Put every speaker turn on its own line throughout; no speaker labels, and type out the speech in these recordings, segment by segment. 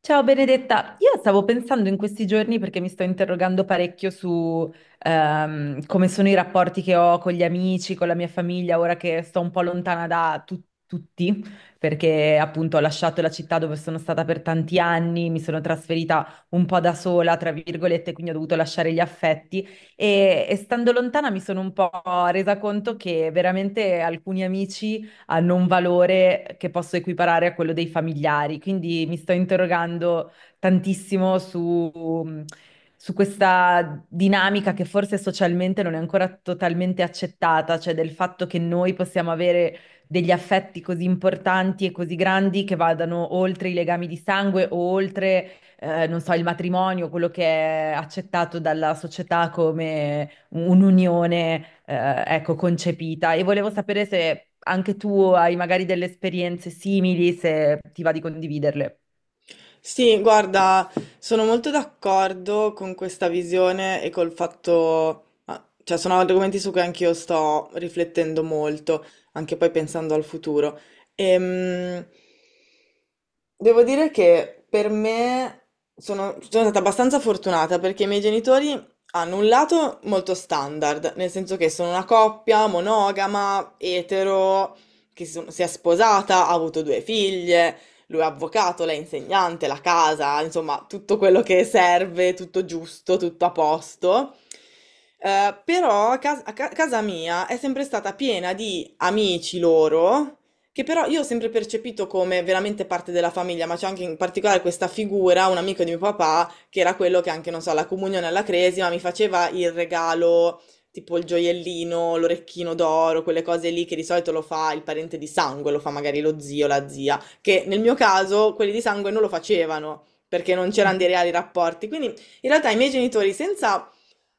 Ciao Benedetta, io stavo pensando in questi giorni perché mi sto interrogando parecchio su come sono i rapporti che ho con gli amici, con la mia famiglia, ora che sto un po' lontana da tutti, perché appunto ho lasciato la città dove sono stata per tanti anni, mi sono trasferita un po' da sola, tra virgolette, quindi ho dovuto lasciare gli affetti e stando lontana mi sono un po' resa conto che veramente alcuni amici hanno un valore che posso equiparare a quello dei familiari. Quindi mi sto interrogando tantissimo su questa dinamica che forse socialmente non è ancora totalmente accettata, cioè del fatto che noi possiamo avere degli affetti così importanti e così grandi che vadano oltre i legami di sangue o oltre, non so, il matrimonio, quello che è accettato dalla società come un'unione, ecco, concepita. E volevo sapere se anche tu hai magari delle esperienze simili, se ti va di condividerle.
Sì, guarda, sono molto d'accordo con questa visione e col fatto, cioè sono argomenti su cui anch'io sto riflettendo molto, anche poi pensando al futuro. Ehm, devo dire che per me sono stata abbastanza fortunata perché i miei genitori hanno un lato molto standard, nel senso che sono una coppia monogama, etero, che si è sposata, ha avuto due figlie. Lui è avvocato, lei è insegnante, la casa, insomma, tutto quello che serve, tutto giusto, tutto a posto. Però a cas- a ca- casa mia è sempre stata piena di amici loro, che però io ho sempre percepito come veramente parte della famiglia, ma c'è anche in particolare questa figura, un amico di mio papà, che era quello che anche, non so, alla comunione, alla cresima, mi faceva il regalo tipo il gioiellino, l'orecchino d'oro, quelle cose lì che di solito lo fa il parente di sangue, lo fa magari lo zio, la zia che nel mio caso quelli di sangue non lo facevano perché non c'erano dei reali rapporti. Quindi in realtà i miei genitori, senza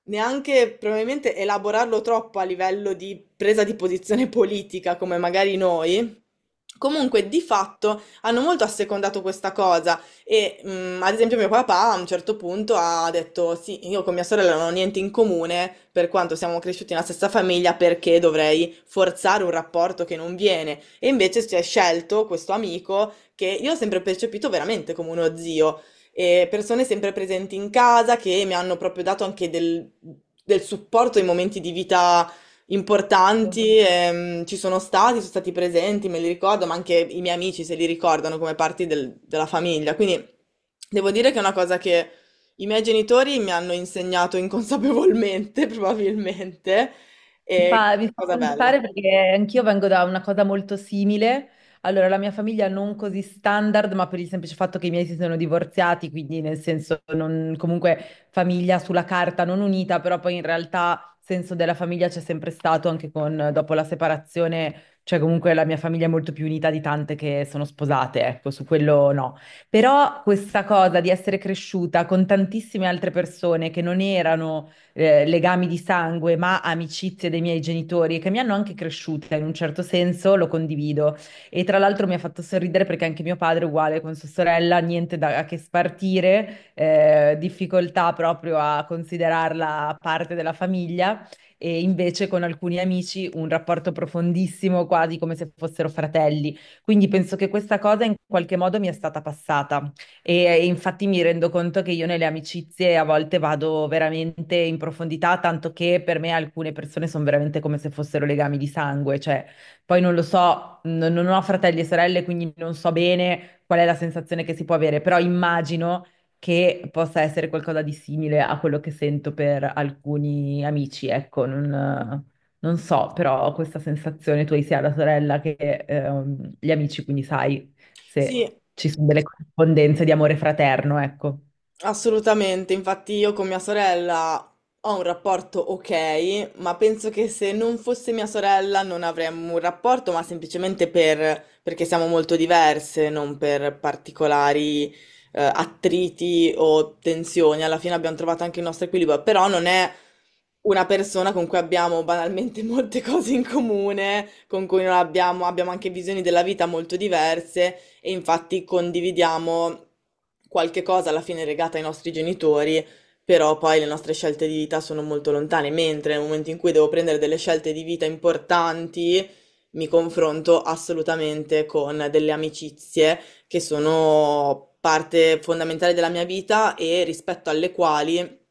neanche probabilmente elaborarlo troppo a livello di presa di posizione politica, come magari noi, comunque, di fatto hanno molto assecondato questa cosa e ad esempio mio papà a un certo punto ha detto sì, io con mia sorella non ho niente in comune per quanto siamo cresciuti nella stessa famiglia perché dovrei forzare un rapporto che non viene e invece si è scelto questo amico che io ho sempre percepito veramente come uno zio e persone sempre presenti in casa che mi hanno proprio dato anche del supporto in momenti di vita importanti, ci sono stati presenti, me li ricordo, ma anche i miei amici se li ricordano come della famiglia. Quindi devo dire che è una cosa che i miei genitori mi hanno insegnato inconsapevolmente, probabilmente,
Mi
e questa
fa, mi
è
fa
una cosa bella.
pensare perché anch'io vengo da una cosa molto simile. Allora, la mia famiglia non così standard, ma per il semplice fatto che i miei si sono divorziati, quindi nel senso comunque famiglia sulla carta non unita, però poi in realtà senso della famiglia c'è sempre stato anche con, dopo la separazione, cioè comunque la mia famiglia è molto più unita di tante che sono sposate, ecco, su quello no. Però questa cosa di essere cresciuta con tantissime altre persone che non erano legami di sangue, ma amicizie dei miei genitori che mi hanno anche cresciuta in un certo senso, lo condivido. E tra l'altro mi ha fatto sorridere perché anche mio padre, uguale con sua sorella, niente da che spartire, difficoltà proprio a considerarla parte della famiglia. E invece con alcuni amici un rapporto profondissimo, quasi come se fossero fratelli. Quindi penso che questa cosa in qualche modo mi è stata passata. Infatti mi rendo conto che io nelle amicizie a volte vado veramente in profondità, tanto che per me alcune persone sono veramente come se fossero legami di sangue, cioè poi non lo so, non ho fratelli e sorelle, quindi non so bene qual è la sensazione che si può avere, però immagino che possa essere qualcosa di simile a quello che sento per alcuni amici, ecco, non, non so, però ho questa sensazione. Tu hai sia la sorella che gli amici, quindi sai se
Sì,
ci sono delle corrispondenze di amore fraterno, ecco.
assolutamente, infatti io con mia sorella ho un rapporto ok, ma penso che se non fosse mia sorella non avremmo un rapporto, ma semplicemente perché siamo molto diverse, non per particolari attriti o tensioni. Alla fine abbiamo trovato anche il nostro equilibrio, però non è una persona con cui abbiamo banalmente molte cose in comune, con cui non abbiamo, abbiamo anche visioni della vita molto diverse e infatti condividiamo qualche cosa alla fine legata ai nostri genitori, però poi le nostre scelte di vita sono molto lontane, mentre nel momento in cui devo prendere delle scelte di vita importanti, mi confronto assolutamente con delle amicizie che sono parte fondamentale della mia vita e rispetto alle quali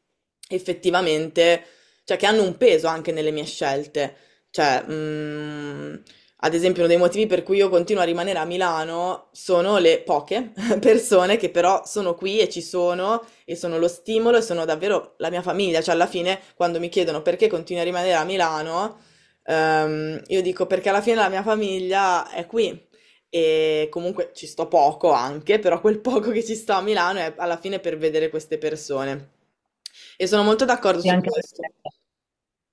effettivamente, cioè che hanno un peso anche nelle mie scelte. Cioè, ad esempio, uno dei motivi per cui io continuo a rimanere a Milano sono le poche persone che però sono qui e ci sono e sono lo stimolo e sono davvero la mia famiglia. Cioè, alla fine, quando mi chiedono perché continuo a rimanere a Milano, io dico perché alla fine la mia famiglia è qui. E comunque ci sto poco anche, però quel poco che ci sto a Milano è alla fine per vedere queste persone. E sono molto d'accordo
Sì,
su
anche per
questo.
me.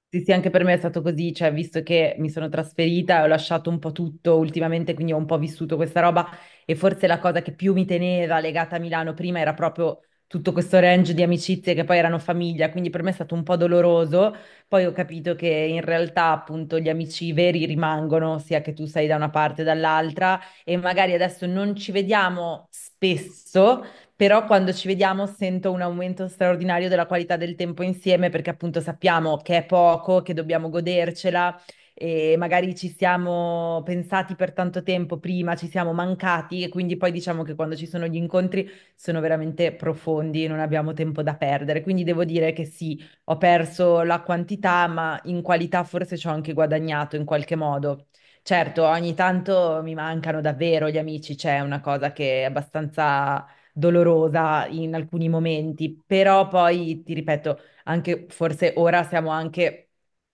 Sì, sì, anche per me è stato così, cioè, visto che mi sono trasferita e ho lasciato un po' tutto ultimamente, quindi ho un po' vissuto questa roba e forse la cosa che più mi teneva legata a Milano prima era proprio tutto questo range di amicizie che poi erano famiglia, quindi per me è stato un po' doloroso. Poi ho capito che in realtà appunto gli amici veri rimangono, sia che tu sei da una parte o dall'altra, e magari adesso non ci vediamo spesso, però quando ci vediamo sento un aumento straordinario della qualità del tempo insieme, perché appunto sappiamo che è poco, che dobbiamo godercela e magari ci siamo pensati per tanto tempo prima, ci siamo mancati, e quindi poi diciamo che quando ci sono gli incontri sono veramente profondi, non abbiamo tempo da perdere. Quindi devo dire che sì, ho perso la quantità, ma in qualità forse ci ho anche guadagnato in qualche modo. Certo, ogni tanto mi mancano davvero gli amici, c'è una cosa che è abbastanza dolorosa in alcuni momenti, però poi ti ripeto, anche forse ora siamo anche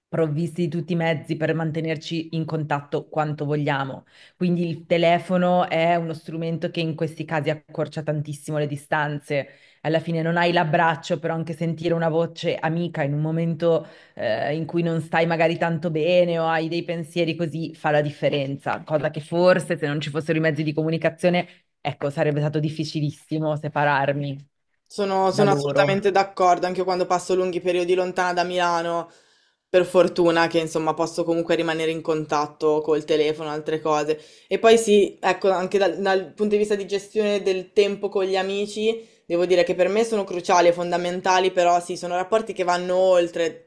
provvisti di tutti i mezzi per mantenerci in contatto quanto vogliamo. Quindi il telefono è uno strumento che in questi casi accorcia tantissimo le distanze. Alla fine non hai l'abbraccio, però anche sentire una voce amica in un momento in cui non stai magari tanto bene o hai dei pensieri così fa la differenza, cosa che forse se non ci fossero i mezzi di comunicazione, ecco, sarebbe stato difficilissimo separarmi
Sono,
da
sono
loro.
assolutamente d'accordo, anche io quando passo lunghi periodi lontana da Milano, per fortuna che insomma posso comunque rimanere in contatto col telefono, altre cose. E poi sì, ecco, anche dal punto di vista di gestione del tempo con gli amici, devo dire che per me sono cruciali e fondamentali, però sì, sono rapporti che vanno oltre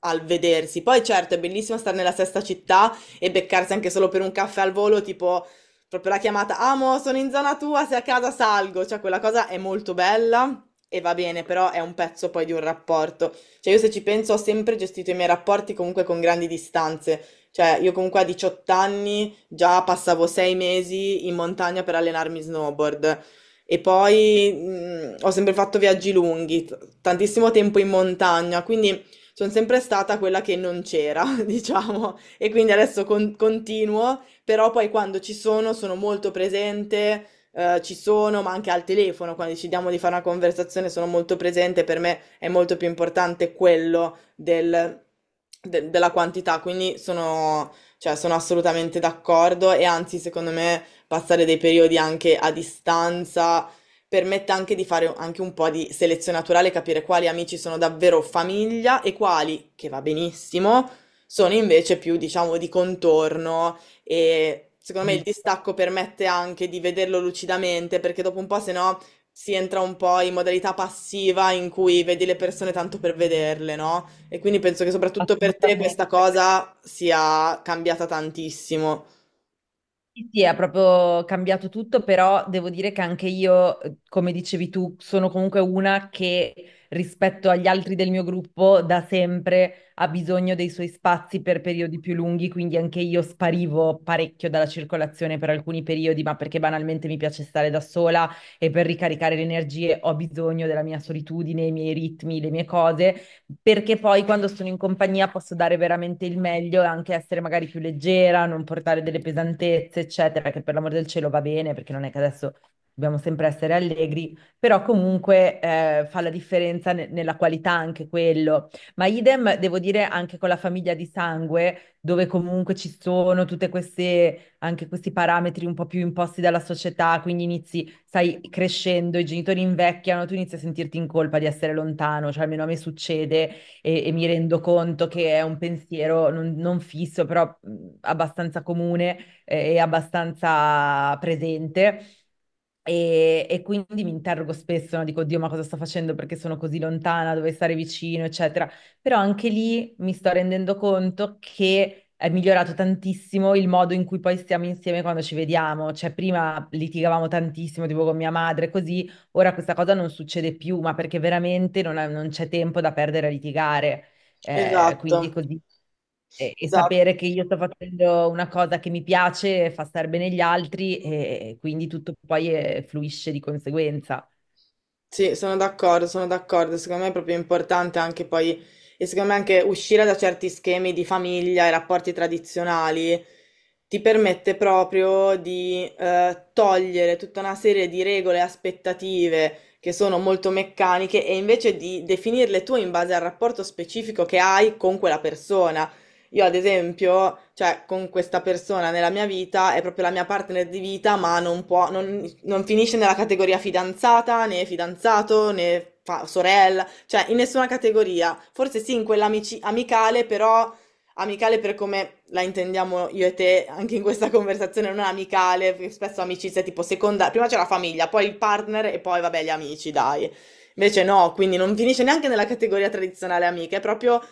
al vedersi. Poi certo, è bellissimo stare nella stessa città e beccarsi anche solo per un caffè al volo, tipo proprio la chiamata, amo, sono in zona tua, se a casa salgo, cioè quella cosa è molto bella e va bene, però è un pezzo poi di un rapporto. Cioè io se ci penso ho sempre gestito i miei rapporti comunque con grandi distanze, cioè io comunque a 18 anni già passavo 6 mesi in montagna per allenarmi snowboard. E poi ho sempre fatto viaggi lunghi, tantissimo tempo in montagna, quindi sono sempre stata quella che non c'era, diciamo. E quindi adesso continuo però poi quando ci sono sono molto presente, ci sono, ma anche al telefono, quando decidiamo di fare una conversazione sono molto presente, per me è molto più importante quello della quantità, quindi sono, cioè, sono assolutamente d'accordo e anzi secondo me passare dei periodi anche a distanza permette anche di fare anche un po' di selezione naturale, capire quali amici sono davvero famiglia e quali, che va benissimo, sono invece più, diciamo, di contorno e secondo me
Mm.
il distacco permette anche di vederlo lucidamente, perché dopo un po', se no, si entra un po' in modalità passiva in cui vedi le persone tanto per vederle, no? E quindi penso che soprattutto per te questa cosa sia cambiata tantissimo.
Sì, sì, ha proprio cambiato tutto, però devo dire che anche io, come dicevi tu, sono comunque una che rispetto agli altri del mio gruppo da sempre ha bisogno dei suoi spazi per periodi più lunghi, quindi anche io sparivo parecchio dalla circolazione per alcuni periodi, ma perché banalmente mi piace stare da sola e per ricaricare le energie ho bisogno della mia solitudine, i miei ritmi, le mie cose. Perché poi quando sono in compagnia posso dare veramente il meglio e anche essere magari più leggera, non portare delle pesantezze, eccetera, che per l'amor del cielo va bene, perché non è che adesso dobbiamo sempre essere allegri, però comunque fa la differenza nella qualità anche quello. Ma idem, devo dire, anche con la famiglia di sangue, dove comunque ci sono tutte queste, anche questi parametri un po' più imposti dalla società, quindi inizi, stai crescendo, i genitori invecchiano, tu inizi a sentirti in colpa di essere lontano, cioè almeno a me succede, e mi rendo conto che è un pensiero non fisso, però abbastanza comune e abbastanza presente. E quindi mi interrogo spesso, no? Dico, Dio, ma cosa sto facendo? Perché sono così lontana, dove stare vicino, eccetera. Però anche lì mi sto rendendo conto che è migliorato tantissimo il modo in cui poi stiamo insieme quando ci vediamo. Cioè, prima litigavamo tantissimo, tipo con mia madre, così, ora questa cosa non succede più, ma perché veramente non c'è tempo da perdere a litigare.
Esatto,
Quindi è così. E
esatto.
sapere che io sto facendo una cosa che mi piace fa star bene gli altri, e quindi tutto poi fluisce di conseguenza.
Sì, sono d'accordo, sono d'accordo. Secondo me è proprio importante anche poi, e secondo me anche uscire da certi schemi di famiglia e rapporti tradizionali ti permette proprio di togliere tutta una serie di regole e aspettative che sono molto meccaniche e invece di definirle tu in base al rapporto specifico che hai con quella persona. Io, ad esempio, cioè, con questa persona nella mia vita è proprio la mia partner di vita, ma non può, non, non finisce nella categoria fidanzata, né fidanzato, né fa- sorella, cioè in nessuna categoria. Forse sì, in quella amicale, però amicale per come la intendiamo io e te anche in questa conversazione, non amicale, perché spesso amicizia è tipo seconda, prima c'è la famiglia, poi il partner e poi vabbè gli amici, dai. Invece no, quindi non finisce neanche nella categoria tradizionale amica, è proprio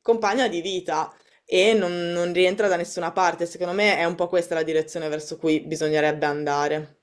compagna di vita e non rientra da nessuna parte. Secondo me è un po' questa la direzione verso cui bisognerebbe andare.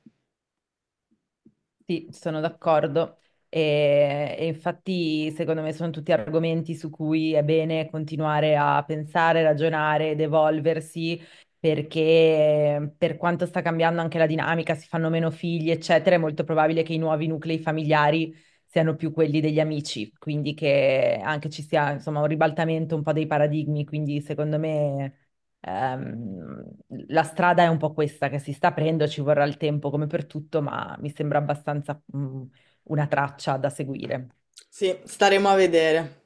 Sì, sono d'accordo. E infatti, secondo me, sono tutti argomenti su cui è bene continuare a pensare, ragionare ed evolversi, perché per quanto sta cambiando anche la dinamica, si fanno meno figli, eccetera, è molto probabile che i nuovi nuclei familiari siano più quelli degli amici, quindi che anche ci sia, insomma, un ribaltamento un po' dei paradigmi, quindi secondo me, ehm, la strada è un po' questa che si sta aprendo, ci vorrà il tempo come per tutto, ma mi sembra abbastanza, mm, una traccia da seguire.
Sì, staremo a vedere.